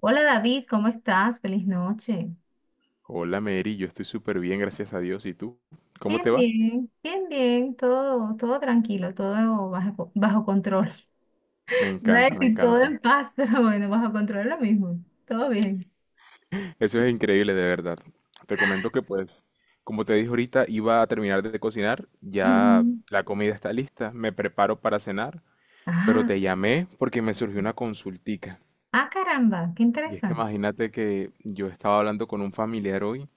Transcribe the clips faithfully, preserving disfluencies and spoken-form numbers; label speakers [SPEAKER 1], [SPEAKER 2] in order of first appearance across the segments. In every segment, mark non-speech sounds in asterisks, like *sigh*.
[SPEAKER 1] Hola David, ¿cómo estás? Feliz noche.
[SPEAKER 2] Hola Mary, yo estoy súper bien, gracias a Dios. ¿Y tú? ¿Cómo te
[SPEAKER 1] Bien,
[SPEAKER 2] va?
[SPEAKER 1] bien, bien, bien, todo, todo tranquilo, todo bajo, bajo control.
[SPEAKER 2] Me
[SPEAKER 1] *laughs* Iba a
[SPEAKER 2] encanta, me
[SPEAKER 1] decir todo
[SPEAKER 2] encanta.
[SPEAKER 1] en paz, *laughs* pero bueno, bajo control es lo mismo. Todo bien.
[SPEAKER 2] Eso es increíble, de verdad. Te comento que pues, como te dije ahorita, iba a terminar de cocinar, ya
[SPEAKER 1] Ujú.
[SPEAKER 2] la comida está lista, me preparo para cenar, pero
[SPEAKER 1] Ah,
[SPEAKER 2] te llamé porque me surgió una consultica.
[SPEAKER 1] ah, caramba, qué
[SPEAKER 2] Y es que
[SPEAKER 1] interesante.
[SPEAKER 2] imagínate que yo estaba hablando con un familiar hoy.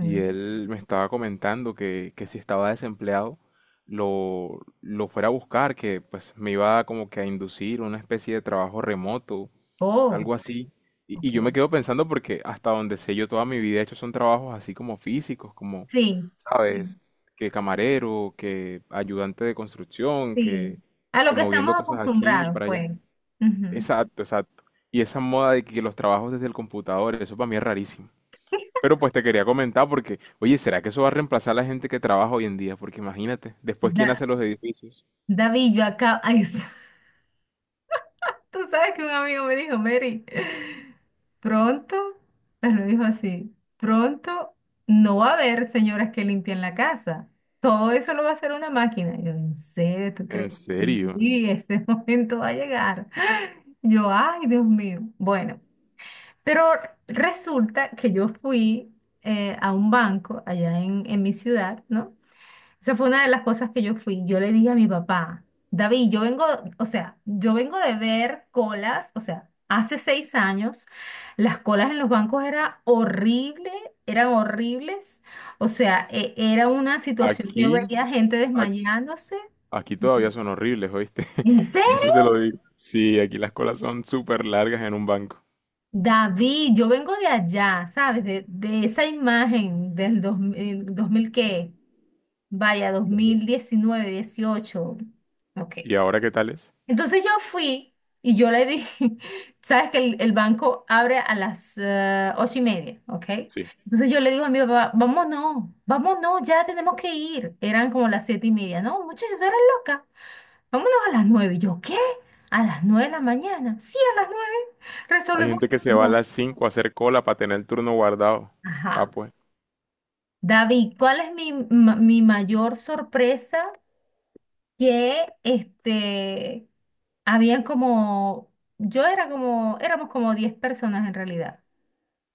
[SPEAKER 2] Y él me estaba comentando que, que si estaba desempleado, lo, lo fuera a buscar, que pues me iba como que a inducir una especie de trabajo remoto,
[SPEAKER 1] Oh,
[SPEAKER 2] algo así. Y, y
[SPEAKER 1] ok.
[SPEAKER 2] yo me quedo pensando porque hasta donde sé yo toda mi vida he hecho son trabajos así como físicos, como,
[SPEAKER 1] Sí, sí,
[SPEAKER 2] ¿sabes? Que camarero, que ayudante de construcción,
[SPEAKER 1] sí.
[SPEAKER 2] que,
[SPEAKER 1] A lo
[SPEAKER 2] que
[SPEAKER 1] que estamos
[SPEAKER 2] moviendo cosas aquí
[SPEAKER 1] acostumbrados,
[SPEAKER 2] para allá.
[SPEAKER 1] pues. Ujú.
[SPEAKER 2] Exacto, exacto. Y esa moda de que los trabajos desde el computador, eso para mí es rarísimo. Pero pues te quería comentar porque, oye, ¿será que eso va a reemplazar a la gente que trabaja hoy en día? Porque imagínate, después ¿quién
[SPEAKER 1] Da-
[SPEAKER 2] hace los edificios?
[SPEAKER 1] David, yo acá. *laughs* Tú sabes que un amigo me dijo, Mary, pronto, me lo dijo así, pronto no va a haber señoras que limpien la casa. Todo eso lo va a hacer una máquina. Y yo, ¿en serio tú
[SPEAKER 2] En
[SPEAKER 1] crees?
[SPEAKER 2] serio,
[SPEAKER 1] Y ese *laughs* momento va a llegar. Yo, ay, Dios mío. Bueno, pero resulta que yo fui eh, a un banco allá en, en mi ciudad, ¿no? Esa fue una de las cosas que yo fui. Yo le dije a mi papá, David, yo vengo, o sea, yo vengo de ver colas, o sea, hace seis años, las colas en los bancos era horrible, eran horribles, o sea, e- era una situación que yo
[SPEAKER 2] aquí,
[SPEAKER 1] veía gente
[SPEAKER 2] ac-
[SPEAKER 1] desmayándose.
[SPEAKER 2] aquí todavía son horribles, ¿oíste?
[SPEAKER 1] ¿En
[SPEAKER 2] *laughs*
[SPEAKER 1] serio?
[SPEAKER 2] Eso te lo digo. Sí, aquí las colas son súper largas en un banco.
[SPEAKER 1] David, yo vengo de allá, ¿sabes? De, de esa imagen del dos mil qué, vaya, dos
[SPEAKER 2] Dios mío.
[SPEAKER 1] mil diecinueve dieciocho, ok.
[SPEAKER 2] ¿Y ahora qué tal es?
[SPEAKER 1] Entonces yo fui y yo le dije, *laughs* sabes que el, el banco abre a las eh, ocho y media, ¿ok?
[SPEAKER 2] Sí.
[SPEAKER 1] Entonces yo le digo a mi papá, vámonos, vámonos, ya tenemos que ir. Eran como las siete y media, ¿no? Muchachos, eres loca. Vámonos a las nueve. Y yo, ¿qué? ¿A las nueve de la mañana? Sí, a las nueve.
[SPEAKER 2] Hay
[SPEAKER 1] Resolvemos.
[SPEAKER 2] gente que se va a
[SPEAKER 1] No.
[SPEAKER 2] las cinco a hacer cola para tener el turno guardado. Ah,
[SPEAKER 1] Ajá.
[SPEAKER 2] pues.
[SPEAKER 1] David, ¿cuál es mi, ma- mi mayor sorpresa? Que este, habían como, yo era como, éramos como diez personas en realidad.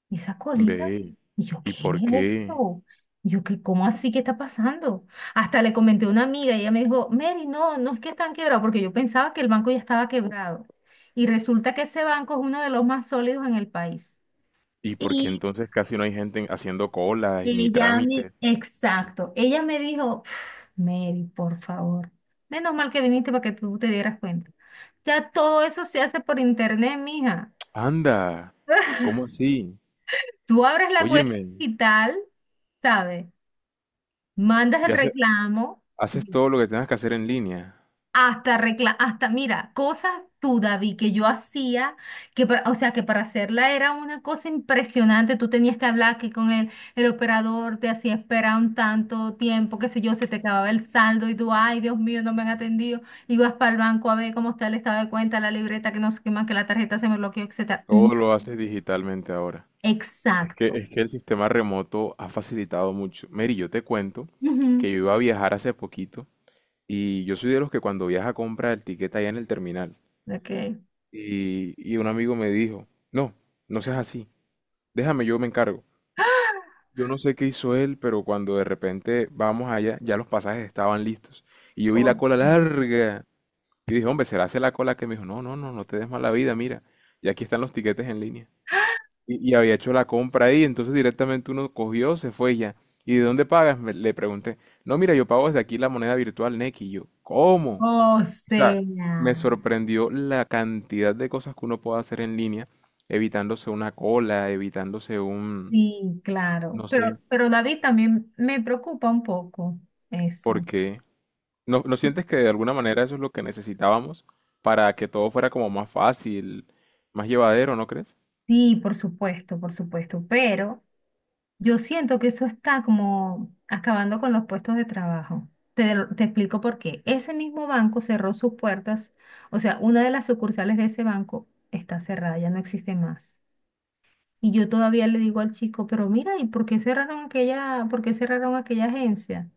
[SPEAKER 1] Y esa colita,
[SPEAKER 2] Ve.
[SPEAKER 1] y yo,
[SPEAKER 2] ¿Y
[SPEAKER 1] ¿qué
[SPEAKER 2] por
[SPEAKER 1] es
[SPEAKER 2] qué?
[SPEAKER 1] esto? Y yo, ¿qué, cómo así qué está pasando? Hasta le comenté a una amiga y ella me dijo, Mary, no, no es que están quebrados, porque yo pensaba que el banco ya estaba quebrado. Y resulta que ese banco es uno de los más sólidos en el país.
[SPEAKER 2] ¿Y por qué entonces casi no hay gente haciendo colas ni
[SPEAKER 1] Ella me,
[SPEAKER 2] trámites?
[SPEAKER 1] exacto, ella me dijo, "Pf, Mary, por favor, menos mal que viniste para que tú te dieras cuenta. Ya todo eso se hace por internet, mija.
[SPEAKER 2] Anda. ¿Cómo así?
[SPEAKER 1] Tú abres la cuenta
[SPEAKER 2] Óyeme,
[SPEAKER 1] digital, ¿sabes? Mandas
[SPEAKER 2] y
[SPEAKER 1] el
[SPEAKER 2] hace-
[SPEAKER 1] reclamo,
[SPEAKER 2] haces todo lo que tengas que hacer en línea.
[SPEAKER 1] hasta recla hasta, mira, cosas tú, David, que yo hacía, que para- o sea, que para hacerla era una cosa impresionante. Tú tenías que hablar que con el, el operador te hacía esperar un tanto tiempo, qué sé yo, se te acababa el saldo y tú, ay, Dios mío, no me han atendido. Ibas para el banco a ver cómo está el estado de cuenta, la libreta, que no sé qué más, que la tarjeta se me bloqueó, etcétera. No,
[SPEAKER 2] Todo lo haces digitalmente ahora. Es que,
[SPEAKER 1] exacto.
[SPEAKER 2] es que el sistema remoto ha facilitado mucho. Mary, yo te cuento
[SPEAKER 1] Ujú.
[SPEAKER 2] que yo iba a viajar hace poquito y yo soy de los que cuando viaja compra el tiquete allá en el terminal.
[SPEAKER 1] Ok.
[SPEAKER 2] Y, y un amigo me dijo, no, no seas así, déjame, yo me encargo.
[SPEAKER 1] *gasps*
[SPEAKER 2] Yo no sé qué hizo él, pero cuando de repente vamos allá, ya los pasajes estaban listos. Y yo vi la
[SPEAKER 1] Oh,
[SPEAKER 2] cola larga. Yo dije, hombre, será hace la cola que me dijo, no, no, no, no te des mala vida, mira, y aquí están los tiquetes en línea. Y, y había hecho la compra ahí, entonces directamente uno cogió, se fue y ya. ¿Y de dónde pagas? Me- le pregunté. No, mira, yo pago desde aquí la moneda virtual Nequi. Y yo,
[SPEAKER 1] sí.
[SPEAKER 2] ¿cómo?
[SPEAKER 1] O
[SPEAKER 2] O sea, me
[SPEAKER 1] sea.
[SPEAKER 2] sorprendió la cantidad de cosas que uno puede hacer en línea, evitándose una cola, evitándose un,
[SPEAKER 1] Sí, claro,
[SPEAKER 2] no
[SPEAKER 1] pero,
[SPEAKER 2] sé,
[SPEAKER 1] pero David también me preocupa un poco eso.
[SPEAKER 2] porque ¿No, no sientes que de alguna manera eso es lo que necesitábamos para que todo fuera como más fácil, más llevadero, ¿no crees?
[SPEAKER 1] Sí, por supuesto, por supuesto, pero yo siento que eso está como acabando con los puestos de trabajo. Te, te explico por qué. Ese mismo banco cerró sus puertas, o sea, una de las sucursales de ese banco está cerrada, ya no existe más. Y yo todavía le digo al chico, pero mira, ¿y por qué cerraron aquella, por qué cerraron aquella agencia?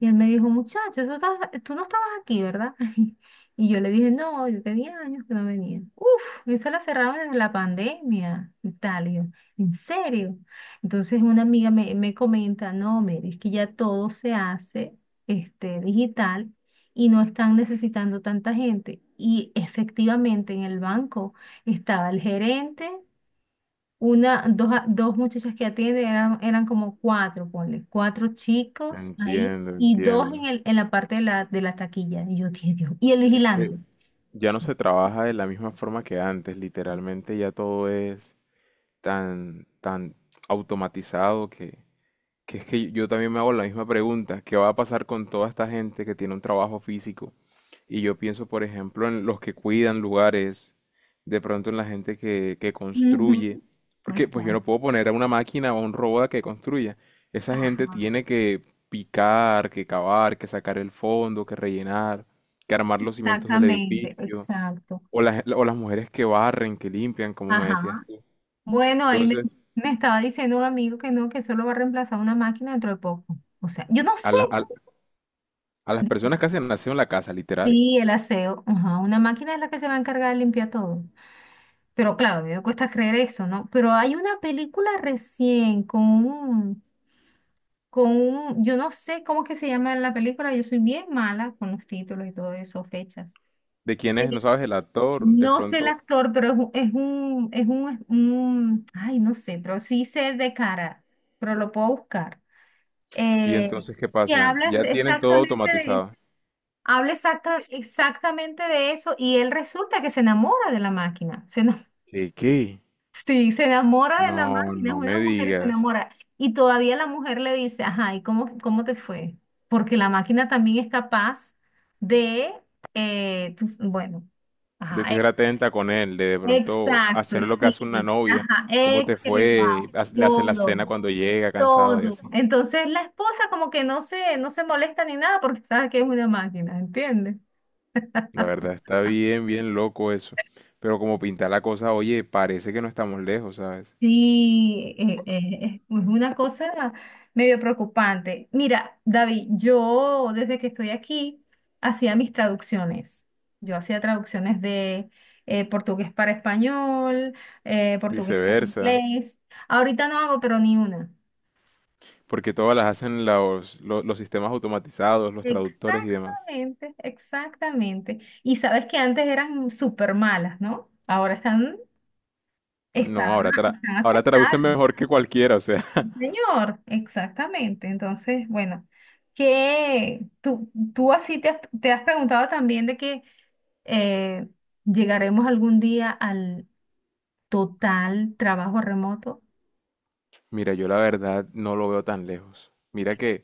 [SPEAKER 1] Y él me dijo, muchacho, eso estás- tú no estabas aquí, ¿verdad? *laughs* Y yo le dije, no, yo tenía años que no venía. Uf, eso la cerraron desde la pandemia y tal. Y yo, ¿en serio? Entonces una amiga me, me comenta, no, Mary, es que ya todo se hace este, digital y no están necesitando tanta gente. Y efectivamente en el banco estaba el gerente. Una, dos, a- dos muchachas que atienden eran, eran como cuatro, ponle, cuatro chicos ahí
[SPEAKER 2] Entiendo,
[SPEAKER 1] y dos
[SPEAKER 2] entiendo.
[SPEAKER 1] en el, en la parte de la, de la taquilla. Y yo dije, Dios, y el
[SPEAKER 2] Es que,
[SPEAKER 1] vigilante.
[SPEAKER 2] ya no se trabaja de la misma forma que antes, literalmente ya todo es tan, tan automatizado que, que es que yo también me hago la misma pregunta, ¿qué va a pasar con toda esta gente que tiene un trabajo físico? Y yo pienso, por ejemplo, en los que cuidan lugares, de pronto en la gente que, que
[SPEAKER 1] Ujú.
[SPEAKER 2] construye, porque pues yo no
[SPEAKER 1] Exacto.
[SPEAKER 2] puedo poner a una máquina o a un robot a que construya. Esa gente
[SPEAKER 1] Ajá.
[SPEAKER 2] tiene que picar, que cavar, que sacar el fondo, que rellenar, que armar los cimientos del
[SPEAKER 1] Exactamente,
[SPEAKER 2] edificio,
[SPEAKER 1] exacto.
[SPEAKER 2] o las, o las mujeres que barren, que limpian, como me
[SPEAKER 1] Ajá.
[SPEAKER 2] decías tú.
[SPEAKER 1] Bueno, ahí me,
[SPEAKER 2] Entonces,
[SPEAKER 1] me estaba diciendo un amigo que no, que solo va a reemplazar una máquina dentro de poco. O sea, yo no
[SPEAKER 2] a,
[SPEAKER 1] sé.
[SPEAKER 2] la- a- a las personas que hacen nacido en la casa, literal,
[SPEAKER 1] Sí, el aseo. Ajá. Una máquina es la que se va a encargar de limpiar todo. Pero claro, a mí me cuesta creer eso, ¿no? Pero hay una película recién con un, con un, yo no sé cómo que se llama la película, yo soy bien mala con los títulos y todo eso, fechas.
[SPEAKER 2] de quienes no
[SPEAKER 1] Sí.
[SPEAKER 2] sabes el actor, de
[SPEAKER 1] No sé el
[SPEAKER 2] pronto,
[SPEAKER 1] actor, pero es un, es un, es un, es un- ay, no sé, pero sí sé de cara, pero lo puedo buscar.
[SPEAKER 2] y
[SPEAKER 1] Eh,
[SPEAKER 2] entonces, ¿qué
[SPEAKER 1] y
[SPEAKER 2] pasa?
[SPEAKER 1] habla
[SPEAKER 2] Ya tienen todo
[SPEAKER 1] exactamente de eso.
[SPEAKER 2] automatizado.
[SPEAKER 1] Habla exacta, exactamente de eso y él resulta que se enamora de la máquina. Se enamora.
[SPEAKER 2] ¿Qué, qué?
[SPEAKER 1] Sí, se enamora de la
[SPEAKER 2] No,
[SPEAKER 1] máquina, es
[SPEAKER 2] no
[SPEAKER 1] una
[SPEAKER 2] me
[SPEAKER 1] mujer se
[SPEAKER 2] digas.
[SPEAKER 1] enamora. Y todavía la mujer le dice, ajá, ¿y cómo, cómo te fue? Porque la máquina también es capaz de, eh, tus- bueno,
[SPEAKER 2] De
[SPEAKER 1] ajá,
[SPEAKER 2] ser
[SPEAKER 1] e-
[SPEAKER 2] atenta con él, de de pronto
[SPEAKER 1] exacto,
[SPEAKER 2] hacer lo que hace una
[SPEAKER 1] sí,
[SPEAKER 2] novia.
[SPEAKER 1] ajá,
[SPEAKER 2] ¿Cómo
[SPEAKER 1] es
[SPEAKER 2] te
[SPEAKER 1] que le va
[SPEAKER 2] fue? Haz- Le hace la
[SPEAKER 1] todo,
[SPEAKER 2] cena cuando llega cansado y
[SPEAKER 1] todo.
[SPEAKER 2] así.
[SPEAKER 1] Entonces la esposa como que no se, no se molesta ni nada porque sabe que es una máquina, ¿entiendes?
[SPEAKER 2] La verdad,
[SPEAKER 1] *laughs*
[SPEAKER 2] está bien, bien loco eso. Pero como pinta la cosa, oye, parece que no estamos lejos, ¿sabes?
[SPEAKER 1] Sí, eh, eh, es una cosa medio preocupante. Mira, David, yo desde que estoy aquí hacía mis traducciones. Yo hacía traducciones de eh, portugués para español, eh, portugués para
[SPEAKER 2] Viceversa.
[SPEAKER 1] inglés. Ahorita no hago, pero ni una.
[SPEAKER 2] Porque todas las hacen los, lo- los sistemas automatizados, los traductores y demás.
[SPEAKER 1] Exactamente, exactamente. Y sabes que antes eran súper malas, ¿no? Ahora están,
[SPEAKER 2] No,
[SPEAKER 1] están,
[SPEAKER 2] ahora, tra
[SPEAKER 1] están
[SPEAKER 2] ahora traducen
[SPEAKER 1] aceptables.
[SPEAKER 2] mejor que cualquiera, o sea.
[SPEAKER 1] Sí, señor, exactamente. Entonces, bueno, que tú, tú así te has, te has preguntado también de que eh, llegaremos algún día al total trabajo remoto,
[SPEAKER 2] Mira, yo la verdad no lo veo tan lejos. Mira que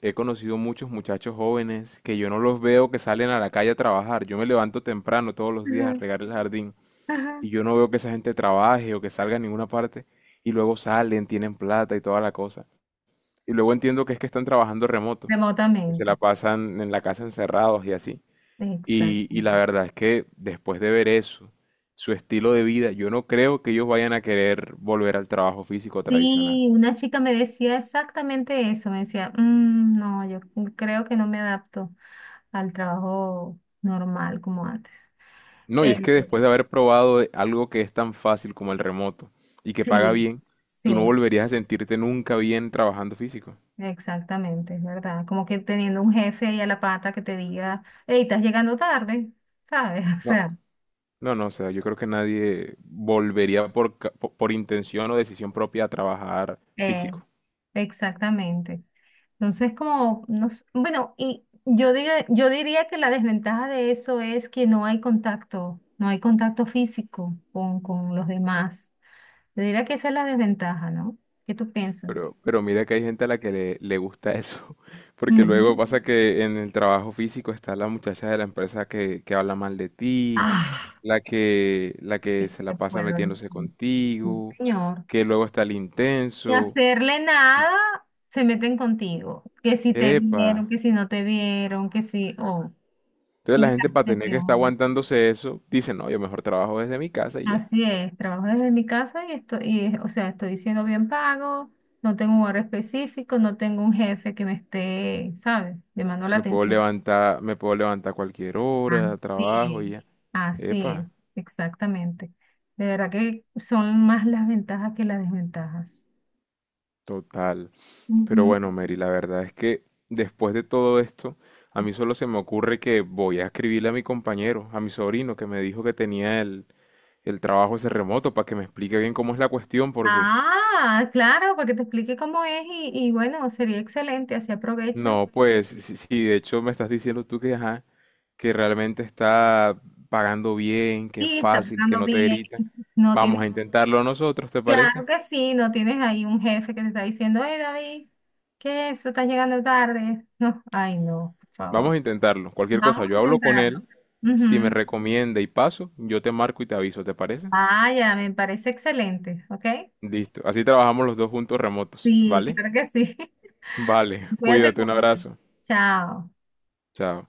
[SPEAKER 2] he conocido muchos muchachos jóvenes que yo no los veo que salen a la calle a trabajar. Yo me levanto temprano todos los días a
[SPEAKER 1] ajá,
[SPEAKER 2] regar el jardín
[SPEAKER 1] ajá.
[SPEAKER 2] y yo no veo que esa gente trabaje o que salga a ninguna parte y luego salen, tienen plata y toda la cosa. Y luego entiendo que es que están trabajando remoto, que se la
[SPEAKER 1] Remotamente.
[SPEAKER 2] pasan en la casa encerrados y así. Y, y la
[SPEAKER 1] Exactamente.
[SPEAKER 2] verdad es que después de ver eso, su estilo de vida, yo no creo que ellos vayan a querer volver al trabajo físico tradicional.
[SPEAKER 1] Sí, una chica me decía exactamente eso, me decía, "Mm, no, yo creo que no me adapto al trabajo normal como antes.
[SPEAKER 2] No, y es
[SPEAKER 1] Eh,
[SPEAKER 2] que después de haber probado de- algo que es tan fácil como el remoto y que paga
[SPEAKER 1] sí,
[SPEAKER 2] bien, tú no
[SPEAKER 1] sí.
[SPEAKER 2] volverías a sentirte nunca bien trabajando físico.
[SPEAKER 1] Exactamente, es verdad. Como que teniendo un jefe ahí a la pata que te diga, hey, estás llegando tarde, ¿sabes? *laughs* O
[SPEAKER 2] No.
[SPEAKER 1] sea,
[SPEAKER 2] No, no, o sea, yo creo que nadie volvería por, ca- po- por intención o decisión propia a trabajar
[SPEAKER 1] eh,
[SPEAKER 2] físico.
[SPEAKER 1] exactamente. Entonces, como, no s- bueno, y yo diga, yo diría que la desventaja de eso es que no hay contacto, no hay contacto físico con, con los demás. Yo diría que esa es la desventaja, ¿no? ¿Qué tú piensas?
[SPEAKER 2] Pero, pero mira que hay gente a la que le, le gusta eso, *laughs* porque luego
[SPEAKER 1] Ujú.
[SPEAKER 2] pasa que en el trabajo físico está la muchacha de la empresa que, que habla mal de ti,
[SPEAKER 1] Ah,
[SPEAKER 2] la que, la
[SPEAKER 1] ¿qué
[SPEAKER 2] que se
[SPEAKER 1] te
[SPEAKER 2] la pasa
[SPEAKER 1] puedo
[SPEAKER 2] metiéndose
[SPEAKER 1] decir? Sí,
[SPEAKER 2] contigo,
[SPEAKER 1] señor.
[SPEAKER 2] que luego está el
[SPEAKER 1] Ni
[SPEAKER 2] intenso.
[SPEAKER 1] hacerle nada, se meten contigo. Que si te
[SPEAKER 2] Epa.
[SPEAKER 1] vieron, que si no te vieron, que si, oh,
[SPEAKER 2] Entonces la
[SPEAKER 1] sí,
[SPEAKER 2] gente para
[SPEAKER 1] llegaste,
[SPEAKER 2] tener
[SPEAKER 1] qué
[SPEAKER 2] que estar
[SPEAKER 1] onda.
[SPEAKER 2] aguantándose eso, dice, no, yo mejor trabajo desde mi casa y ya.
[SPEAKER 1] Así es, trabajo desde mi casa y estoy, y, es- o sea, estoy siendo bien pago, no tengo un horario específico, no tengo un jefe que me esté, ¿sabes? Llamando la
[SPEAKER 2] Me puedo
[SPEAKER 1] atención.
[SPEAKER 2] levantar, me puedo levantar a cualquier hora, trabajo
[SPEAKER 1] Así
[SPEAKER 2] y ya.
[SPEAKER 1] es, así es,
[SPEAKER 2] Epa,
[SPEAKER 1] exactamente. De verdad que son más las ventajas que las desventajas.
[SPEAKER 2] total. Pero bueno, Mary, la verdad es que después de todo esto, a mí solo se me ocurre que voy a escribirle a mi compañero, a mi sobrino, que me dijo que tenía el, el trabajo ese remoto, para que me explique bien cómo es la cuestión, porque
[SPEAKER 1] Ah, claro, para que te explique cómo es y, y bueno, sería excelente, así aprovechas.
[SPEAKER 2] no, pues sí, sí, de hecho me estás diciendo tú que, ajá, que realmente está pagando bien, que es
[SPEAKER 1] Y está
[SPEAKER 2] fácil, que
[SPEAKER 1] pagando
[SPEAKER 2] no te
[SPEAKER 1] bien.
[SPEAKER 2] gritan.
[SPEAKER 1] No
[SPEAKER 2] Vamos
[SPEAKER 1] tienes,
[SPEAKER 2] a intentarlo nosotros, ¿te parece?
[SPEAKER 1] claro que sí, no tienes ahí un jefe que te está diciendo, hey David, ¿qué es eso? Estás llegando tarde. No, ay no, por
[SPEAKER 2] Vamos
[SPEAKER 1] favor.
[SPEAKER 2] a intentarlo. Cualquier cosa,
[SPEAKER 1] Vamos a
[SPEAKER 2] yo hablo con
[SPEAKER 1] intentarlo.
[SPEAKER 2] él. Si me
[SPEAKER 1] Ujú.
[SPEAKER 2] recomienda y paso, yo te marco y te aviso, ¿te parece?
[SPEAKER 1] Ah, ya, me parece excelente, ¿ok?
[SPEAKER 2] Listo. Así trabajamos los dos juntos remotos,
[SPEAKER 1] Sí,
[SPEAKER 2] ¿vale?
[SPEAKER 1] claro que sí.
[SPEAKER 2] Vale,
[SPEAKER 1] *laughs*
[SPEAKER 2] *laughs*
[SPEAKER 1] Cuídate
[SPEAKER 2] cuídate, un
[SPEAKER 1] mucho.
[SPEAKER 2] abrazo.
[SPEAKER 1] Chao.
[SPEAKER 2] Chao.